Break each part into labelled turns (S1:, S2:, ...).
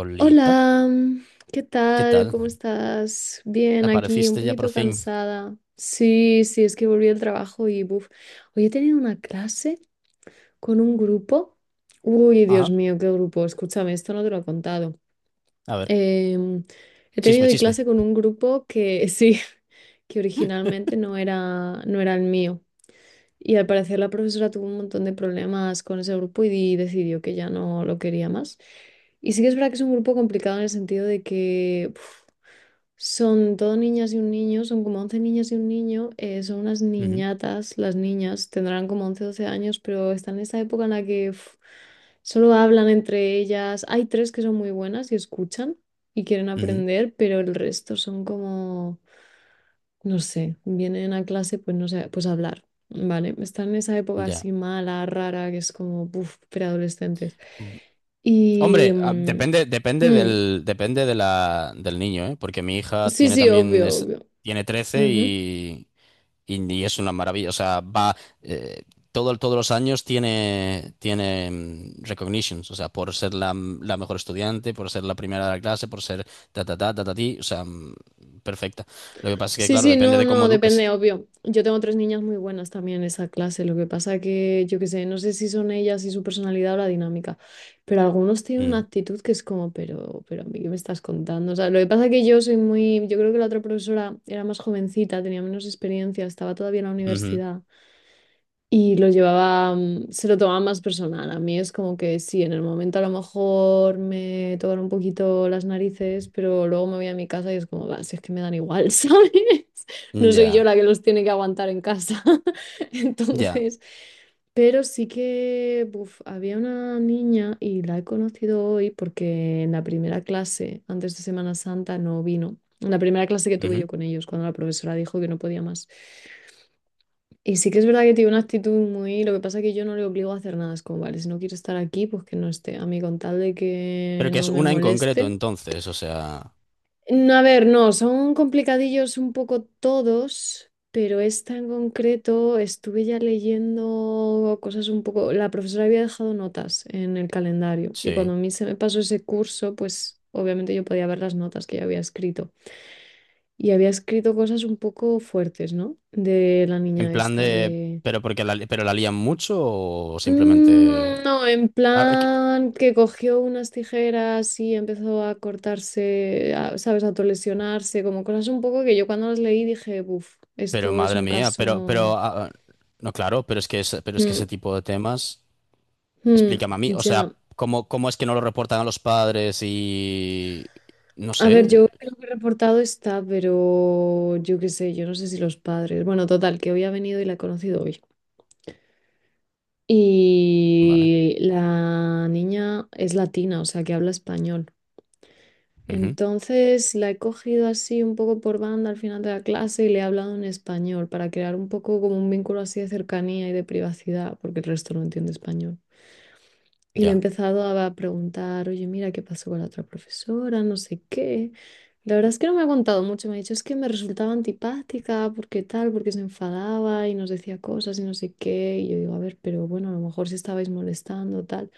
S1: Olita,
S2: Hola, ¿qué
S1: ¿qué
S2: tal?
S1: tal?
S2: ¿Cómo estás? Bien, aquí un
S1: Apareciste ya por
S2: poquito
S1: fin.
S2: cansada. Sí, sí, es que volví al trabajo y buf. Hoy he tenido una clase con un grupo. Uy, Dios
S1: Ajá.
S2: mío, qué grupo. Escúchame, esto no te lo he contado.
S1: A ver,
S2: Em, he tenido
S1: chisme,
S2: hoy
S1: chisme.
S2: clase con un grupo que sí, que originalmente no era el mío. Y al parecer la profesora tuvo un montón de problemas con ese grupo y decidió que ya no lo quería más. Y sí que es verdad que es un grupo complicado en el sentido de que uf, son todo niñas y un niño, son como 11 niñas y un niño, son unas
S1: Ujú.
S2: niñatas, las niñas tendrán como 11 12 años, pero están en esa época en la que uf, solo hablan entre ellas. Hay tres que son muy buenas y escuchan y quieren
S1: Ujú.
S2: aprender, pero el resto son como no sé, vienen a clase, pues no sé, pues a hablar, ¿vale? Están en esa época
S1: Ya.
S2: así mala, rara, que es como, puf, preadolescentes.
S1: Mm.
S2: Y...
S1: Hombre, ah,
S2: mm,
S1: depende, depende
S2: mm,
S1: del, depende de la, del niño, ¿eh? Porque mi hija
S2: sí,
S1: tiene
S2: sí,
S1: también,
S2: obvio, obvio.
S1: tiene trece
S2: Ujú.
S1: y es una maravilla. O sea, eh, todos los años tiene recognitions. O sea, por ser la mejor estudiante, por ser la primera de la clase, por ser ta, ta, ta, ta, ta, ti. O sea, perfecta. Lo que pasa es que,
S2: Sí,
S1: claro,
S2: sí,
S1: depende
S2: no,
S1: de cómo
S2: no, depende,
S1: eduques.
S2: obvio. Yo tengo tres niñas muy buenas también en esa clase. Lo que pasa que, yo qué sé, no sé si son ellas y su personalidad o la dinámica, pero algunos tienen una actitud que es como, pero a mí, ¿qué me estás contando? O sea, lo que pasa que yo soy muy, yo creo que la otra profesora era más jovencita, tenía menos experiencia, estaba todavía en la
S1: Ujú.
S2: universidad y lo llevaba, se lo tomaba más personal. A mí es como que sí, en el momento a lo mejor me tocan un poquito las narices, pero luego me voy a mi casa y es como, "Bah, si es que me dan igual", ¿sabes? No soy yo
S1: Ya,
S2: la que los tiene que aguantar en casa.
S1: ya.
S2: Entonces, pero sí que buf, había una niña y la he conocido hoy porque en la primera clase, antes de Semana Santa, no vino. En la primera clase que tuve yo
S1: Ujú.
S2: con ellos, cuando la profesora dijo que no podía más. Y sí que es verdad que tiene una actitud muy. Lo que pasa es que yo no le obligo a hacer nada. Es como, vale, si no quiero estar aquí, pues que no esté. A mí con tal de que
S1: Pero que
S2: no
S1: es
S2: me
S1: una en concreto
S2: moleste.
S1: entonces, o sea,
S2: No, a ver, no, son complicadillos un poco todos, pero esta en concreto estuve ya leyendo cosas un poco. La profesora había dejado notas en el calendario y cuando
S1: sí.
S2: a mí se me pasó ese curso, pues obviamente yo podía ver las notas que ya había escrito. Y había escrito cosas un poco fuertes, ¿no? De la
S1: En
S2: niña
S1: plan
S2: esta,
S1: de,
S2: de.
S1: pero la lían mucho o simplemente...
S2: Mm, no, en
S1: Ah, que-
S2: plan que cogió unas tijeras y empezó a cortarse, ¿sabes? A lesionarse, como cosas un poco que yo cuando las leí dije, uff,
S1: Pero
S2: esto es
S1: madre
S2: un
S1: mía,
S2: caso.
S1: no, claro, pero es que, pero es que
S2: Mm,
S1: ese tipo de temas,
S2: mm,
S1: explícame a mí, o
S2: ya.
S1: sea, ¿cómo es que no lo reportan a los padres y... No
S2: A ver, yo
S1: sé,
S2: creo que reportado está, pero yo qué sé, yo no sé si los padres. Bueno, total, que hoy ha venido y la he conocido hoy.
S1: vale.
S2: Y la niña es latina, o sea, que habla español.
S1: Ujú.
S2: Entonces la he cogido así un poco por banda al final de la clase y le he hablado en español para crear un poco como un vínculo así de cercanía y de privacidad, porque el resto no entiende español. Y le he
S1: Ya.
S2: empezado a preguntar, oye, mira, ¿qué pasó con la otra profesora? No sé qué. La verdad es que no me ha contado mucho. Me ha dicho, es que me resultaba antipática, porque tal, porque se enfadaba y nos decía cosas y no sé qué. Y yo digo, a ver, pero bueno, a lo mejor si estabais molestando, tal.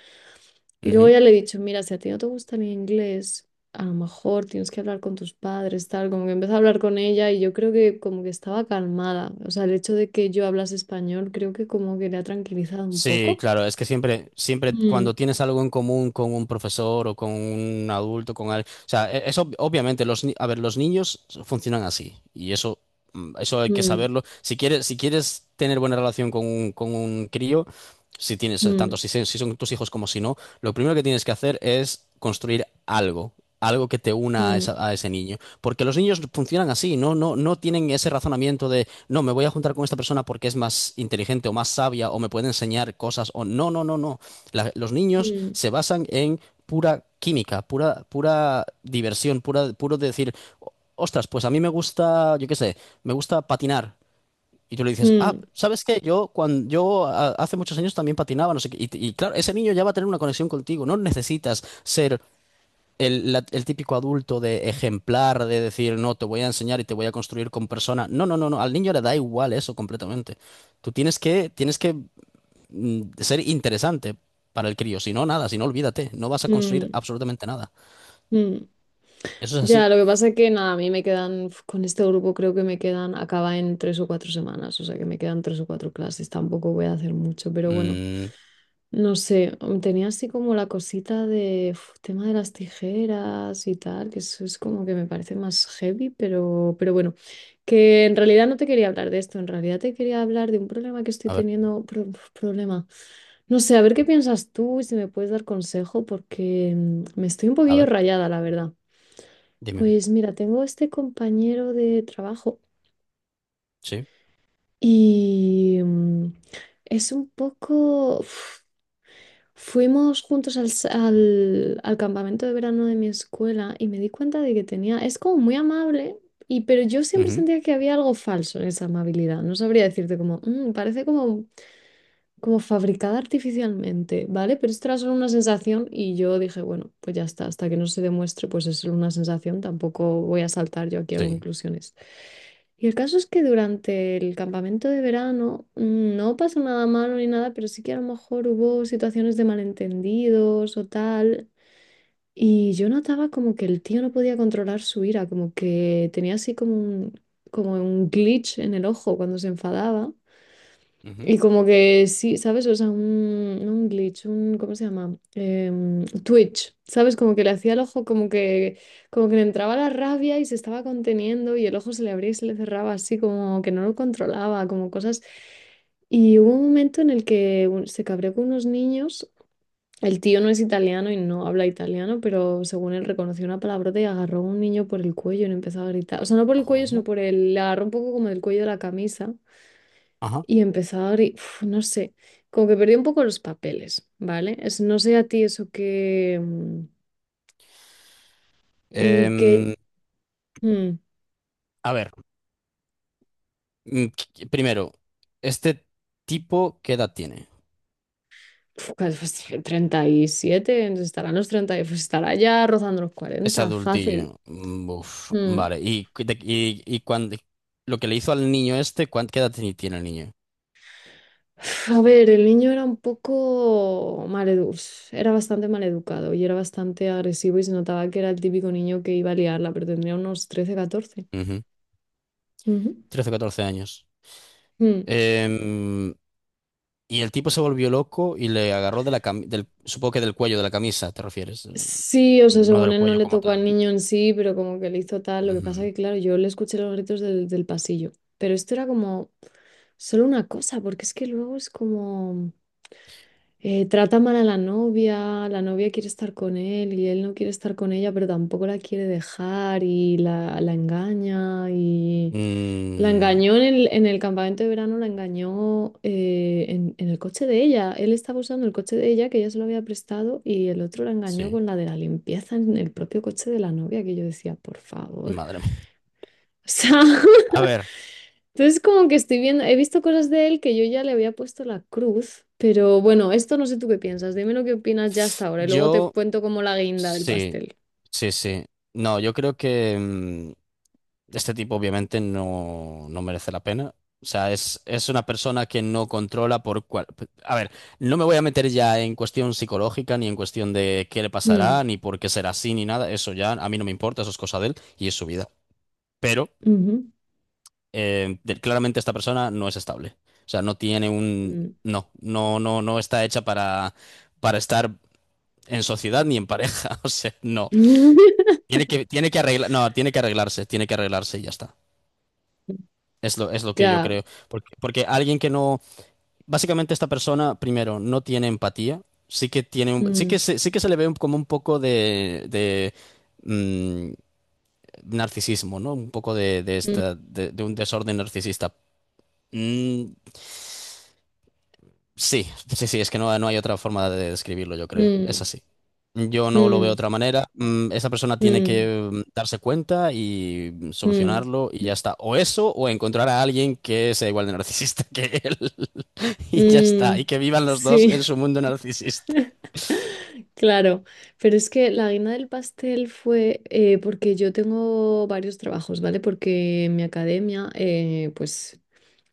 S2: Y luego ya le he dicho, mira, si a ti no te gusta el inglés, a lo mejor tienes que hablar con tus padres, tal. Como que empecé a hablar con ella y yo creo que como que estaba calmada. O sea, el hecho de que yo hablase español creo que como que le ha tranquilizado un
S1: Sí,
S2: poco.
S1: claro, es que siempre
S2: Mm,
S1: cuando tienes algo en común con un profesor o con un adulto, con alguien, o sea, eso obviamente los, ni- a ver, los niños funcionan así y eso, eso hay que
S2: mm.
S1: saberlo. Si quieres tener buena relación con un crío, tanto
S2: Mm,
S1: si son tus hijos como si no, lo primero que tienes que hacer es construir algo, algo que te una
S2: mm,
S1: a ese niño. Porque los niños funcionan así, no, no, no tienen ese razonamiento de no, me voy a juntar con esta persona porque es más inteligente o más sabia o me puede enseñar cosas o no, no, no, no. Los niños
S2: mm,
S1: se basan en pura química, pura, pura diversión, pura, puro decir, ostras, pues a mí me gusta, yo qué sé, me gusta patinar. Y tú le dices, ah,
S2: mm,
S1: ¿sabes qué? Yo, cuando, yo a- Hace muchos años también patinaba, no sé qué. Y claro, ese niño ya va a tener una conexión contigo. No necesitas ser el típico adulto de ejemplar, de decir, no, te voy a enseñar y te voy a construir con persona. No, no, no, no. Al niño le da igual eso completamente. Tú tienes que, tienes que ser interesante para el crío. Si no, nada, si no, olvídate. No vas a construir
S2: mm,
S1: absolutamente nada.
S2: mm.
S1: Eso es así.
S2: Ya, lo que pasa es que nada, a mí me quedan, uf, con este grupo creo que me quedan, acaba en 3 o 4 semanas, o sea que me quedan tres o cuatro clases, tampoco voy a hacer mucho, pero bueno.
S1: Mm,
S2: No sé, tenía así como la cosita de uf, tema de las tijeras y tal, que eso es como que me parece más heavy, pero bueno, que en realidad no te quería hablar de esto, en realidad te quería hablar de un problema que estoy
S1: a ver,
S2: teniendo, problema. No sé, a ver qué piensas tú y si me puedes dar consejo, porque me estoy un
S1: a
S2: poquillo
S1: ver,
S2: rayada, la verdad.
S1: dime.
S2: Pues mira, tengo este compañero de trabajo
S1: Sí.
S2: y es un poco, uf, fuimos juntos al campamento de verano de mi escuela y me di cuenta de que tenía, es como muy amable, pero yo siempre
S1: Ujú.
S2: sentía que había algo falso en esa amabilidad. No sabría decirte como, "Mm, parece como fabricada artificialmente", ¿vale? Pero esto era solo una sensación y yo dije, bueno, pues ya está, hasta que no se demuestre, pues es solo una sensación, tampoco voy a saltar yo aquí a
S1: Sí.
S2: conclusiones. Y el caso es que durante el campamento de verano no pasó nada malo ni nada, pero sí que a lo mejor hubo situaciones de malentendidos o tal. Y yo notaba como que el tío no podía controlar su ira, como que tenía así como como un glitch en el ojo cuando se enfadaba.
S1: Ujú.
S2: Y como que sí, ¿sabes? O sea, no un glitch, ¿cómo se llama? Twitch, ¿sabes? Como que le hacía el ojo, como que le entraba la rabia y se estaba conteniendo y el ojo se le abría y se le cerraba así, como que no lo controlaba, como cosas. Y hubo un momento en el que se cabreó con unos niños. El tío no es italiano y no habla italiano, pero según él reconoció una palabrota y agarró a un niño por el cuello y le empezó a gritar. O sea, no por el cuello, sino
S1: ¿Cómo?
S2: por el. Le agarró un poco como del cuello de la camisa
S1: Ajá.
S2: y empezar y uf, no sé, como que perdí un poco los papeles, ¿vale? Es, no sé a ti eso que
S1: Em,
S2: mm,
S1: a ver, primero, ¿este tipo qué edad tiene?
S2: uf, casi, pues, 37, estarán los 30 y, pues estará ya rozando los
S1: Es
S2: 40 fácil.
S1: adultillo. Uf,
S2: Mm.
S1: vale. Lo que le hizo al niño este, qué edad tiene el niño?
S2: Uf, a ver, el niño era un poco maleducado, era bastante maleducado y era bastante agresivo y se notaba que era el típico niño que iba a liarla, pero tendría unos 13 14.
S1: Ujú.
S2: Ujú.
S1: 13 o 14 años.
S2: Mm.
S1: Em, y el tipo se volvió loco y le agarró de supongo que del cuello de la camisa, ¿te refieres?
S2: Sí, o sea,
S1: No
S2: según
S1: del
S2: él no
S1: cuello
S2: le
S1: como
S2: tocó al
S1: tal.
S2: niño en sí, pero como que le hizo tal. Lo que pasa
S1: Ujú.
S2: que, claro, yo le escuché los gritos del pasillo. Pero esto era como solo una cosa, porque es que luego es como trata mal a la novia quiere estar con él y él no quiere estar con ella, pero tampoco la quiere dejar y la engaña y la
S1: Mm,
S2: engañó en el campamento de verano, la engañó en el coche de ella. Él estaba usando el coche de ella, que ella se lo había prestado, y el otro la engañó
S1: sí,
S2: con la de la limpieza en el propio coche de la novia, que yo decía, por favor.
S1: madre mía.
S2: O sea,
S1: A ver,
S2: entonces como que estoy viendo, he visto cosas de él que yo ya le había puesto la cruz, pero bueno, esto no sé tú qué piensas, dime lo que opinas ya hasta ahora, y luego te
S1: yo
S2: cuento como la guinda del
S1: sí.
S2: pastel.
S1: Sí, sí. No, yo creo que este tipo obviamente no merece la pena. O sea, es una persona que no controla por cual... A ver, no me voy a meter ya en cuestión psicológica, ni en cuestión de qué le
S2: Mm,
S1: pasará, ni por qué será así, ni nada. Eso ya a mí no me importa, eso es cosa de él y es su vida. Pero
S2: ujú,
S1: claramente esta persona no es estable. O sea, no tiene un...
S2: mm.
S1: No, no, no, no está hecha para estar en sociedad ni en pareja. O sea, no. Tiene que arreglar, no, tiene que arreglarse y ya está. Es lo que yo
S2: Ya.
S1: creo. Porque alguien que no, básicamente esta persona, primero, no tiene empatía, sí que tiene un-
S2: Mm,
S1: sí que se le ve como un poco de, mm, narcisismo, ¿no? Un poco de, de
S2: mm,
S1: esta, de, de un desorden narcisista. Mm, Sí, sí, sí, es que no hay otra forma de describirlo, yo creo. Es
S2: mm,
S1: así. Yo no lo veo de
S2: mm.
S1: otra manera. Esa persona tiene
S2: Mm,
S1: que darse cuenta y
S2: mm,
S1: solucionarlo y ya está. O eso, o encontrar a alguien que sea igual de narcisista que él. Y ya está. Y
S2: mm,
S1: que vivan los dos
S2: sí,
S1: en su mundo narcisista.
S2: claro. Pero es que la guinda del pastel fue porque yo tengo varios trabajos, ¿vale? Porque en mi academia, pues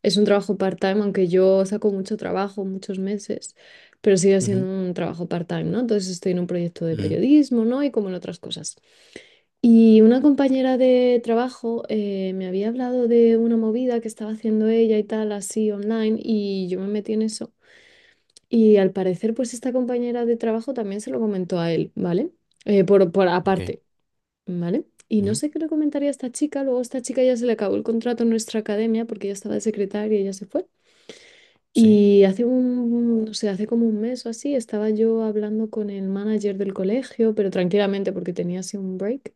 S2: es un trabajo part-time, aunque yo saco mucho trabajo, muchos meses, pero sigue siendo
S1: Ujú.
S2: un trabajo part-time, ¿no? Entonces estoy en un proyecto de
S1: Ujú.
S2: periodismo, ¿no? Y como en otras cosas. Y una compañera de trabajo me había hablado de una movida que estaba haciendo ella y tal, así online, y yo me metí en eso. Y al parecer, pues esta compañera de trabajo también se lo comentó a él, ¿vale? Por
S1: Ok.
S2: aparte, ¿vale? Y no
S1: Ujú.
S2: sé qué le comentaría a esta chica, luego a esta chica ya se le acabó el contrato en nuestra academia porque ella estaba de secretaria y ya se fue.
S1: Sí,
S2: Y hace un, no sé, hace como un mes o así, estaba yo hablando con el manager del colegio, pero tranquilamente porque tenía así un break,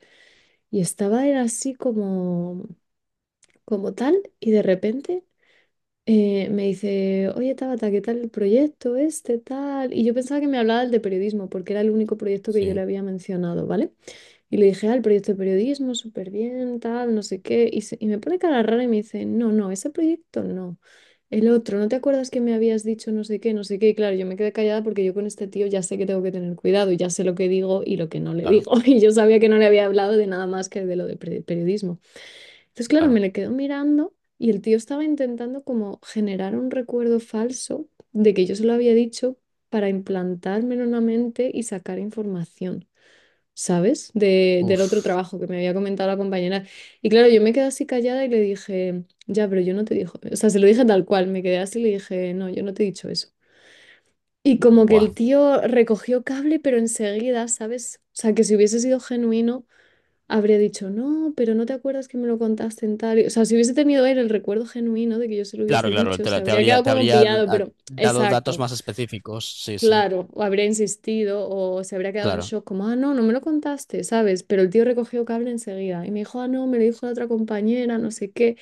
S2: y estaba él así como, tal, y de repente me dice, oye Tabata, ¿qué tal el proyecto este, tal? Y yo pensaba que me hablaba del de periodismo, porque era el único proyecto que yo le
S1: sí.
S2: había mencionado, ¿vale? Y le dije, ah, el proyecto de periodismo, súper bien, tal, no sé qué. Y me pone cara rara y me dice, no, no, ese proyecto no. El otro, ¿no te acuerdas que me habías dicho no sé qué, no sé qué? Y claro, yo me quedé callada porque yo con este tío ya sé que tengo que tener cuidado, y ya sé lo que digo y lo que no le
S1: Claro,
S2: digo. Y yo sabía que no le había hablado de nada más que de lo de periodismo. Entonces, claro, me
S1: claro.
S2: le quedo mirando y el tío estaba intentando como generar un recuerdo falso de que yo se lo había dicho para implantármelo en la mente y sacar información, ¿sabes? Del otro
S1: Uf.
S2: trabajo que me había comentado la compañera. Y claro, yo me quedé así callada y le dije, ya, pero yo no te dije, o sea, se lo dije tal cual, me quedé así y le dije, no, yo no te he dicho eso. Y como que
S1: Buah.
S2: el tío recogió cable, pero enseguida, ¿sabes? O sea, que si hubiese sido genuino habría dicho, no, pero no te acuerdas que me lo contaste en tal. O sea, si hubiese tenido él el recuerdo genuino de que yo se lo
S1: Claro,
S2: hubiese
S1: claro.
S2: dicho,
S1: Te,
S2: se
S1: la- te
S2: habría
S1: habría,
S2: quedado
S1: te
S2: como
S1: habría
S2: pillado,
S1: ah,
S2: pero
S1: dado datos
S2: exacto,
S1: más específicos. Sí, sí.
S2: claro, o habría insistido o se habría quedado en
S1: Claro,
S2: shock, como, ah, no, no me lo contaste, ¿sabes? Pero el tío recogió cable enseguida y me dijo, ah, no, me lo dijo la otra compañera, no sé qué.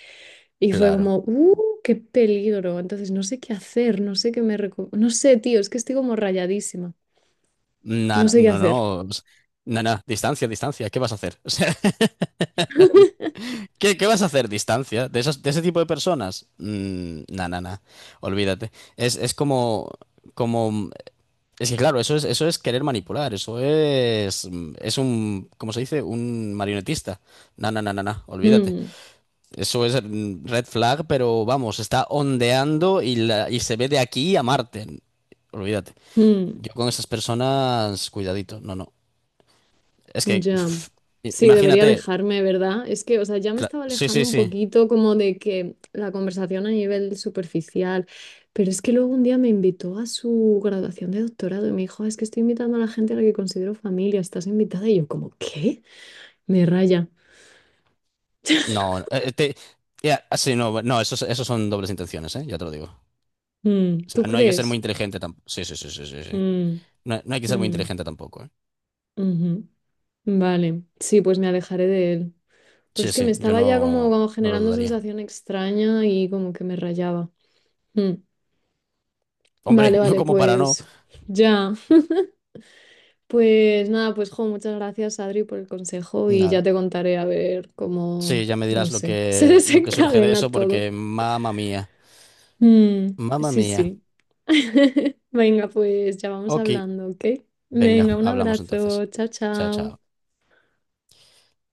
S2: Y fue
S1: claro.
S2: como, qué peligro. Entonces, no sé qué hacer, no sé qué me no sé, tío, es que estoy como rayadísima,
S1: No,
S2: no
S1: no,
S2: sé qué
S1: no,
S2: hacer.
S1: no, no, no, distancia, distancia, ¿qué vas a hacer? O sea, ¿qué vas a hacer? Distancia, de ese tipo de personas. No, no, no, olvídate. Es como es que claro, eso es querer manipular, es un, ¿cómo se dice? Un marionetista. No, no, no, no, no, olvídate.
S2: Mm,
S1: Eso es red flag, pero vamos, está ondeando y se ve de aquí a Marte. Olvídate.
S2: mm.
S1: Yo con esas personas, cuidadito, no, no. Es que,
S2: Ya,
S1: pf,
S2: sí, debería
S1: imagínate.
S2: alejarme, ¿verdad? Es que, o sea, ya me estaba
S1: Sí,
S2: alejando
S1: sí,
S2: un
S1: sí.
S2: poquito como de que la conversación a nivel superficial, pero es que luego un día me invitó a su graduación de doctorado y me dijo, "Ah, es que estoy invitando a la gente a la que considero familia, estás invitada", y yo como, ¿qué? Me raya.
S1: No, ya, sí, no, no, eso son dobles intenciones, ¿eh? Ya te lo digo.
S2: Mm,
S1: O sea,
S2: ¿tú
S1: no hay que ser muy
S2: crees?
S1: inteligente tampoco. Sí, sí, sí, sí, sí, sí.
S2: Mm,
S1: No, no hay que ser muy
S2: mm,
S1: inteligente tampoco, ¿eh?
S2: ujú. Vale, sí, pues me alejaré de él. Pero
S1: Sí,
S2: es que me
S1: sí, yo
S2: estaba ya como,
S1: no,
S2: como
S1: no lo
S2: generando
S1: dudaría.
S2: sensación extraña y como que me rayaba. Mm.
S1: Hombre,
S2: Vale,
S1: no
S2: vale,
S1: como para no.
S2: pues ya. Pues nada, pues jo, muchas gracias Adri por el consejo y ya
S1: Nada.
S2: te contaré a ver cómo,
S1: Sí, ya me
S2: no
S1: dirás lo
S2: sé, se
S1: que, lo que surge de
S2: desencadena
S1: eso,
S2: todo.
S1: porque mamma mía,
S2: Mm,
S1: mamma
S2: sí,
S1: mía.
S2: sí. Venga, pues ya vamos
S1: Ok,
S2: hablando, ¿ok?
S1: venga,
S2: Venga, un
S1: hablamos
S2: abrazo.
S1: entonces.
S2: Chao,
S1: Chao, chao.
S2: chao.